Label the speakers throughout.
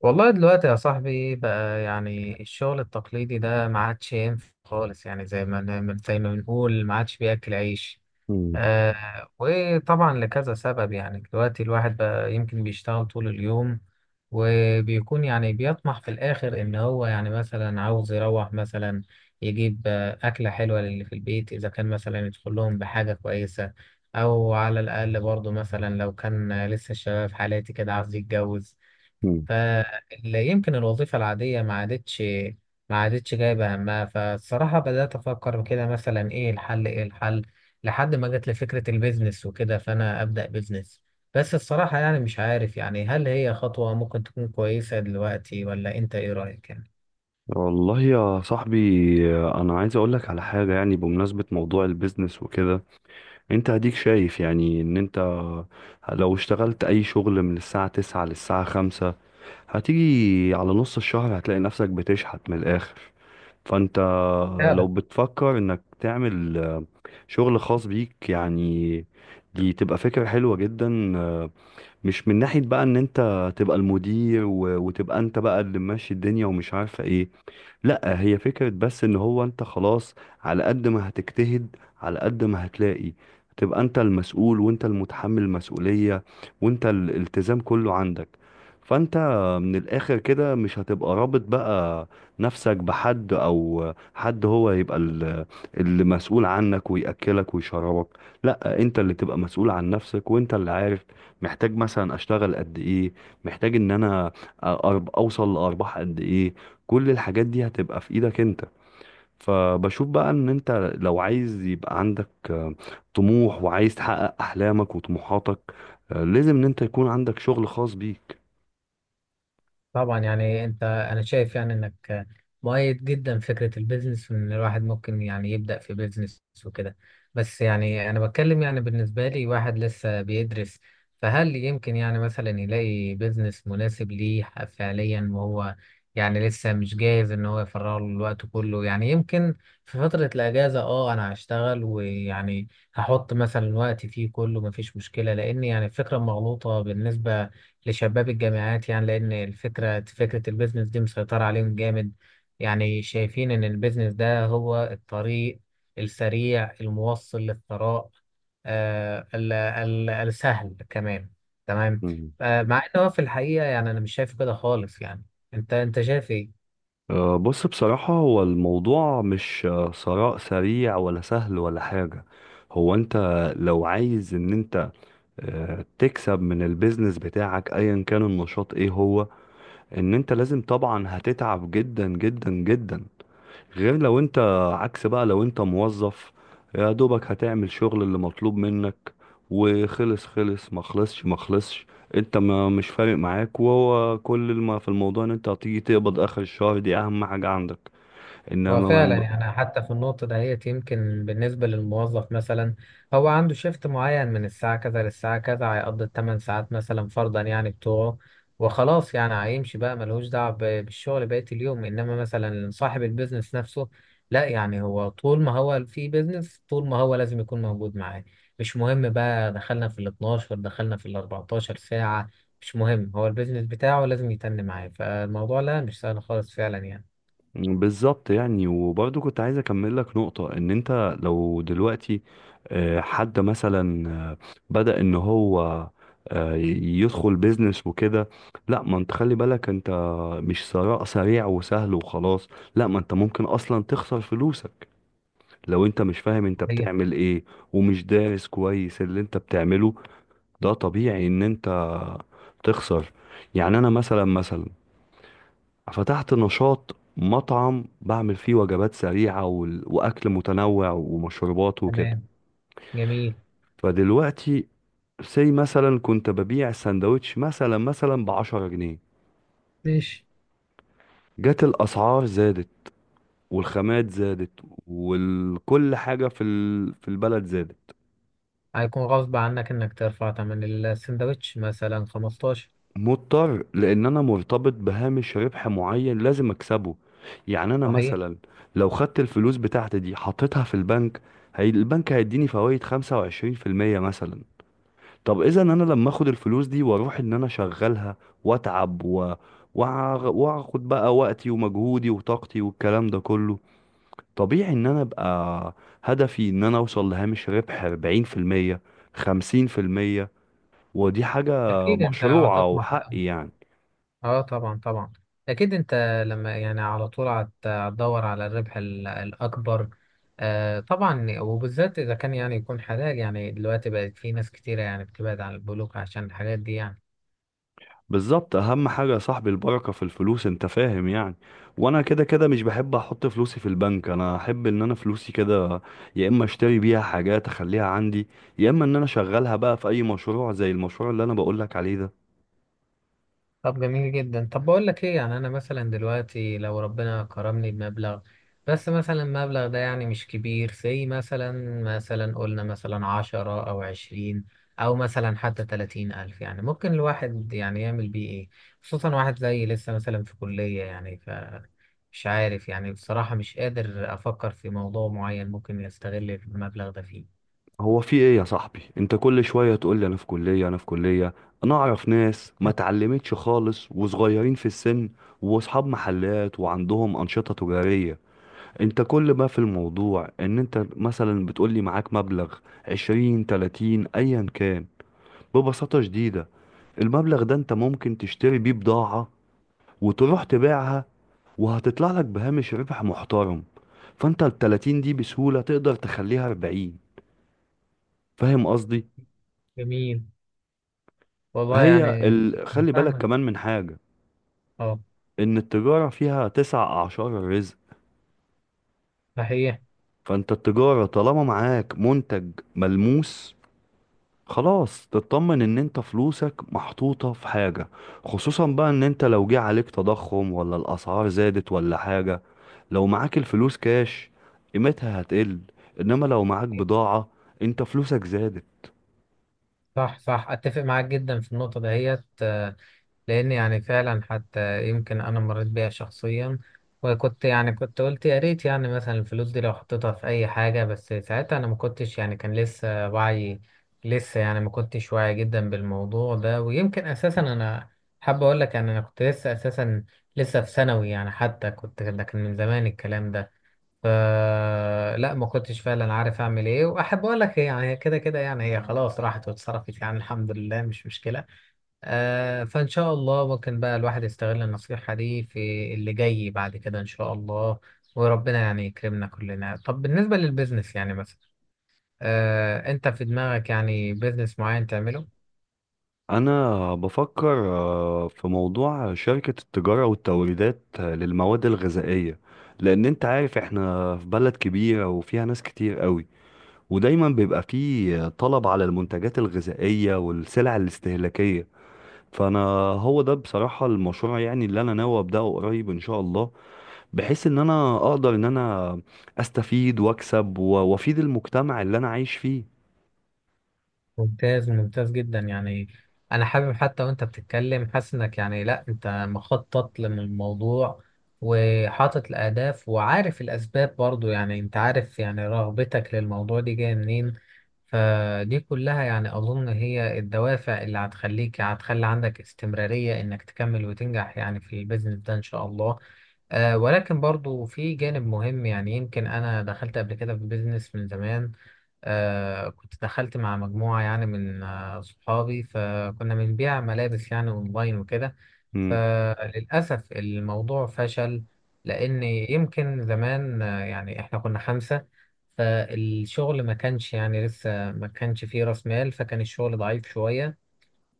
Speaker 1: والله دلوقتي يا صاحبي بقى، يعني الشغل التقليدي ده ما عادش ينفع خالص. يعني زي ما نعمل زي ما بنقول ما عادش بياكل عيش.
Speaker 2: مم.
Speaker 1: وطبعا لكذا سبب، يعني دلوقتي الواحد بقى يمكن بيشتغل طول اليوم، وبيكون يعني بيطمح في الآخر إن هو يعني مثلا عاوز يروح مثلا يجيب أكلة حلوة للي في البيت، إذا كان مثلا يدخل لهم بحاجة كويسة. أو على الأقل برضه مثلا لو كان لسه الشباب في حالاتي كده عاوز يتجوز.
Speaker 2: مم.
Speaker 1: فيمكن الوظيفة العادية ما عادتش جايبة همها. فالصراحة بدأت أفكر كده، مثلا إيه الحل إيه الحل؟ لحد ما جت لي فكرة البيزنس وكده، فأنا أبدأ بيزنس. بس الصراحة يعني مش عارف، يعني هل هي خطوة ممكن تكون كويسة دلوقتي؟ ولا أنت إيه رأيك؟
Speaker 2: والله يا صاحبي، انا عايز اقول لك على حاجه يعني بمناسبه موضوع البيزنس وكده. انت هديك شايف يعني ان انت لو اشتغلت اي شغل من الساعه 9 للساعه 5، هتيجي على نص الشهر هتلاقي نفسك بتشحت من الاخر. فانت لو
Speaker 1: يعني؟
Speaker 2: بتفكر انك تعمل شغل خاص بيك يعني، دي تبقى فكرة حلوة جدا. مش من ناحية بقى ان انت تبقى المدير وتبقى انت بقى اللي ماشي الدنيا ومش عارفة ايه. لا، هي فكرة بس ان هو انت خلاص، على قد ما هتجتهد على قد ما هتلاقي تبقى انت المسؤول وانت المتحمل المسؤولية وانت الالتزام كله عندك. فانت من الاخر كده مش هتبقى رابط بقى نفسك بحد او حد هو يبقى اللي مسؤول عنك ويأكلك ويشربك. لا، انت اللي تبقى مسؤول عن نفسك وانت اللي عارف محتاج مثلا اشتغل قد ايه، محتاج ان انا اوصل لارباح قد ايه. كل الحاجات دي هتبقى في ايدك انت. فبشوف بقى ان انت لو عايز يبقى عندك طموح وعايز تحقق احلامك وطموحاتك، لازم ان انت يكون عندك شغل خاص بيك.
Speaker 1: طبعا يعني انا شايف يعني انك مؤيد جدا فكرة البيزنس، وان الواحد ممكن يعني يبدأ في بيزنس وكده. بس يعني انا بتكلم يعني بالنسبة لي، واحد لسه بيدرس. فهل يمكن يعني مثلا يلاقي بيزنس مناسب ليه فعليا، وهو يعني لسه مش جاهز ان هو يفرغ له الوقت كله؟ يعني يمكن في فترة الاجازة انا هشتغل، ويعني هحط مثلا وقتي فيه كله مفيش مشكلة. لان يعني الفكرة مغلوطة بالنسبة لشباب الجامعات يعني، لأن الفكرة فكرة البيزنس دي مسيطرة عليهم جامد. يعني شايفين إن البيزنس ده هو الطريق السريع الموصل للثراء. آه ال السهل كمان. تمام.
Speaker 2: مم.
Speaker 1: مع إن هو في الحقيقة يعني أنا مش شايف كده خالص يعني. أنت شايف إيه؟
Speaker 2: بص، بصراحة هو الموضوع مش ثراء سريع ولا سهل ولا حاجة. هو انت لو عايز ان انت تكسب من البيزنس بتاعك ايا كان النشاط ايه هو، ان انت لازم طبعا هتتعب جدا جدا جدا. غير لو انت، عكس بقى، لو انت موظف يا دوبك هتعمل شغل اللي مطلوب منك وخلص خلص، ما خلصش ما خلصش، انت ما مش فارق معاك. وهو كل ما في الموضوع ان انت هتيجي تقبض اخر الشهر، دي اهم حاجة عندك.
Speaker 1: هو فعلا
Speaker 2: انما
Speaker 1: يعني حتى في النقطة دهيت، يمكن بالنسبة للموظف مثلا، هو عنده شيفت معين من الساعة كذا للساعة كذا، هيقضي الثمان ساعات مثلا فرضا يعني بتوعه، وخلاص يعني هيمشي بقى ملهوش دعوة بالشغل بقية اليوم. إنما مثلا صاحب البيزنس نفسه، لا يعني هو طول ما هو في بيزنس، طول ما هو لازم يكون موجود معاه. مش مهم بقى دخلنا في ال 12 دخلنا في ال 14 ساعة، مش مهم، هو البيزنس بتاعه لازم يتن معاه. فالموضوع لا مش سهل خالص فعلا يعني.
Speaker 2: بالظبط يعني، وبرضه كنت عايز اكمل لك نقطة ان انت لو دلوقتي حد مثلا بدأ ان هو يدخل بيزنس وكده، لا، ما انت خلي بالك، انت مش ثراء سريع وسهل وخلاص. لا، ما انت ممكن اصلا تخسر فلوسك لو انت مش فاهم انت
Speaker 1: طيب.
Speaker 2: بتعمل ايه ومش دارس كويس اللي انت بتعمله. ده طبيعي ان انت تخسر. يعني انا مثلا فتحت نشاط مطعم بعمل فيه وجبات سريعة وأكل متنوع ومشروبات وكده.
Speaker 1: تمام. جميل.
Speaker 2: فدلوقتي، سي مثلا كنت ببيع السندوتش مثلا ب10 جنيه،
Speaker 1: ماشي.
Speaker 2: جت الأسعار زادت والخامات زادت وكل حاجة في البلد زادت.
Speaker 1: هيكون غصب عنك انك ترفع تمن السندوتش مثلا 15.
Speaker 2: مضطر لأن أنا مرتبط بهامش ربح معين لازم أكسبه. يعني أنا
Speaker 1: صحيح.
Speaker 2: مثلا لو خدت الفلوس بتاعتي دي حطيتها في البنك، هي البنك هيديني فوائد 25% مثلا. طب اذا انا لما اخد الفلوس دي واروح ان انا اشغلها واتعب واخد بقى وقتي ومجهودي وطاقتي والكلام ده كله، طبيعي ان انا ابقى هدفي ان انا اوصل لهامش ربح 40% 50%. ودي حاجة
Speaker 1: اكيد انت
Speaker 2: مشروعة
Speaker 1: هتطمح.
Speaker 2: وحقي يعني.
Speaker 1: اه، طبعا طبعا. اكيد انت لما يعني على طول هتدور على الربح الاكبر. آه طبعا، وبالذات اذا كان يعني يكون حلال. يعني دلوقتي بقت في ناس كتيرة يعني بتبعد عن البنوك عشان الحاجات دي يعني.
Speaker 2: بالظبط، اهم حاجه يا صاحبي البركه في الفلوس، انت فاهم يعني. وانا كده كده مش بحب احط فلوسي في البنك، انا احب ان انا فلوسي كده يا اما اشتري بيها حاجات اخليها عندي، يا اما ان انا اشغلها بقى في اي مشروع زي المشروع اللي انا بقولك عليه ده.
Speaker 1: طب جميل جدا. طب بقول لك ايه؟ يعني انا مثلا دلوقتي لو ربنا كرمني بمبلغ، بس مثلا المبلغ ده يعني مش كبير، زي مثلا، مثلا قلنا مثلا 10 او 20، او مثلا حتى 30 ألف، يعني ممكن الواحد يعني يعمل بيه ايه؟ خصوصا واحد زي لسه مثلا في كلية يعني. فمش عارف يعني، بصراحة مش قادر افكر في موضوع معين ممكن يستغل المبلغ ده فيه.
Speaker 2: هو في ايه يا صاحبي؟ انت كل شويه تقول لي انا في كليه انا في كليه. انا اعرف ناس ما اتعلمتش خالص وصغيرين في السن واصحاب محلات وعندهم انشطه تجاريه. انت كل ما في الموضوع ان انت مثلا بتقولي معاك مبلغ عشرين تلاتين ايا كان. ببساطة شديدة، المبلغ ده انت ممكن تشتري بيه بضاعة وتروح تبيعها وهتطلع لك بهامش ربح محترم. فانت التلاتين دي بسهولة تقدر تخليها اربعين. فاهم قصدي؟
Speaker 1: جميل. والله يعني. أنا
Speaker 2: خلي بالك
Speaker 1: فاهمك.
Speaker 2: كمان من حاجة.
Speaker 1: اه.
Speaker 2: ان التجارة فيها تسع اعشار الرزق.
Speaker 1: صحيح.
Speaker 2: فانت التجارة طالما معاك منتج ملموس، خلاص تطمن ان انت فلوسك محطوطة في حاجة. خصوصا بقى ان انت لو جه عليك تضخم ولا الاسعار زادت ولا حاجة، لو معاك الفلوس كاش قيمتها هتقل، انما لو معاك بضاعة انت فلوسك زادت.
Speaker 1: صح صح، اتفق معاك جدا في النقطه دهيت. لان يعني فعلا حتى يمكن انا مريت بيها شخصيا، وكنت يعني كنت قلت يا ريت يعني مثلا الفلوس دي لو حطيتها في اي حاجه. بس ساعتها انا ما كنتش يعني، كان لسه وعي، لسه يعني ما كنتش واعي جدا بالموضوع ده. ويمكن اساسا انا حابب اقول لك، يعني انا كنت لسه اساسا لسه في ثانوي يعني، حتى كنت ده كان من زمان الكلام ده. فلا ما كنتش فعلا عارف اعمل ايه. واحب اقول لك يعني هي كده كده يعني هي خلاص راحت واتصرفت يعني، الحمد لله مش مشكله. آه فان شاء الله ممكن بقى الواحد يستغل النصيحه دي في اللي جاي بعد كده ان شاء الله. وربنا يعني يكرمنا كلنا. طب بالنسبه للبيزنس يعني مثلا، انت في دماغك يعني بيزنس معين تعمله؟
Speaker 2: انا بفكر في موضوع شركة التجارة والتوريدات للمواد الغذائية. لان انت عارف احنا في بلد كبيرة وفيها ناس كتير قوي، ودايما بيبقى فيه طلب على المنتجات الغذائية والسلع الاستهلاكية. فانا هو ده بصراحه المشروع يعني اللي انا ناوي ابداه قريب ان شاء الله، بحيث ان انا اقدر ان انا استفيد واكسب وافيد المجتمع اللي انا عايش فيه.
Speaker 1: ممتاز. ممتاز جدا يعني. انا حابب حتى وانت بتتكلم حاسس انك، يعني لا انت مخطط للموضوع وحاطط الاهداف وعارف الاسباب برضو. يعني انت عارف يعني رغبتك للموضوع دي جايه منين، فدي كلها يعني اظن هي الدوافع اللي هتخليك، هتخلي عندك استمرارية انك تكمل وتنجح يعني في البيزنس ده ان شاء الله. ولكن برضو في جانب مهم يعني. يمكن انا دخلت قبل كده في بيزنس من زمان، كنت دخلت مع مجموعة يعني من صحابي، فكنا بنبيع ملابس يعني أونلاين وكده.
Speaker 2: مم.
Speaker 1: فللأسف الموضوع فشل، لأن يمكن زمان آه يعني إحنا كنا خمسة، فالشغل ما كانش يعني لسه ما كانش فيه رأس مال. فكان الشغل ضعيف شوية،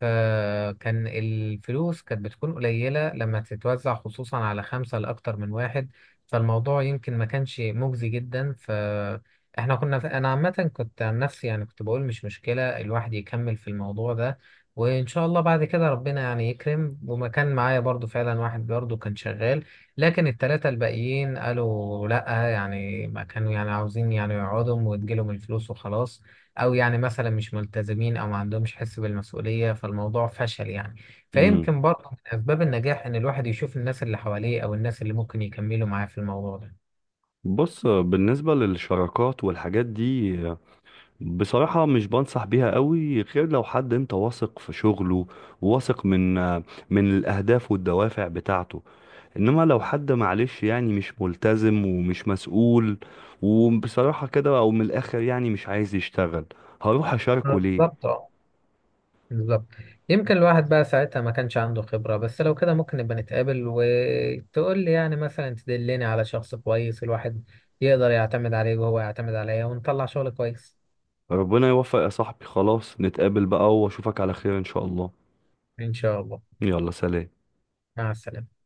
Speaker 1: فكان الفلوس كانت بتكون قليلة لما تتوزع، خصوصا على خمسة لأكتر من واحد. فالموضوع يمكن ما كانش مجزي جدا. فإحنا كنا أنا عامة كنت عن نفسي يعني كنت بقول مش مشكلة الواحد يكمل في الموضوع ده، وإن شاء الله بعد كده ربنا يعني يكرم. وما كان معايا برضو فعلا واحد برضو كان شغال. لكن التلاتة الباقيين قالوا لأ، يعني ما كانوا يعني عاوزين يعني يقعدوا وتجيلهم الفلوس وخلاص، او يعني مثلا مش ملتزمين او ما عندهمش حس بالمسؤوليه. فالموضوع فشل يعني.
Speaker 2: مم.
Speaker 1: فيمكن برضه من اسباب النجاح ان الواحد يشوف الناس اللي حواليه او الناس اللي ممكن يكملوا معاه في الموضوع ده.
Speaker 2: بص، بالنسبه للشراكات والحاجات دي بصراحه مش بنصح بيها قوي غير لو حد انت واثق في شغله، واثق من الاهداف والدوافع بتاعته. انما لو حد معلش يعني مش ملتزم ومش مسؤول، وبصراحة كده او من الاخر يعني مش عايز يشتغل، هروح اشاركه ليه؟
Speaker 1: بالظبط اه، بالظبط. يمكن الواحد بقى ساعتها ما كانش عنده خبره. بس لو كده ممكن نبقى نتقابل وتقول لي يعني مثلا تدلني على شخص كويس، الواحد يقدر يعتمد عليه وهو يعتمد عليا، ونطلع شغل كويس.
Speaker 2: ربنا يوفق يا صاحبي. خلاص نتقابل بقى واشوفك على خير ان شاء الله.
Speaker 1: ان شاء الله.
Speaker 2: يلا سلام.
Speaker 1: مع السلامه.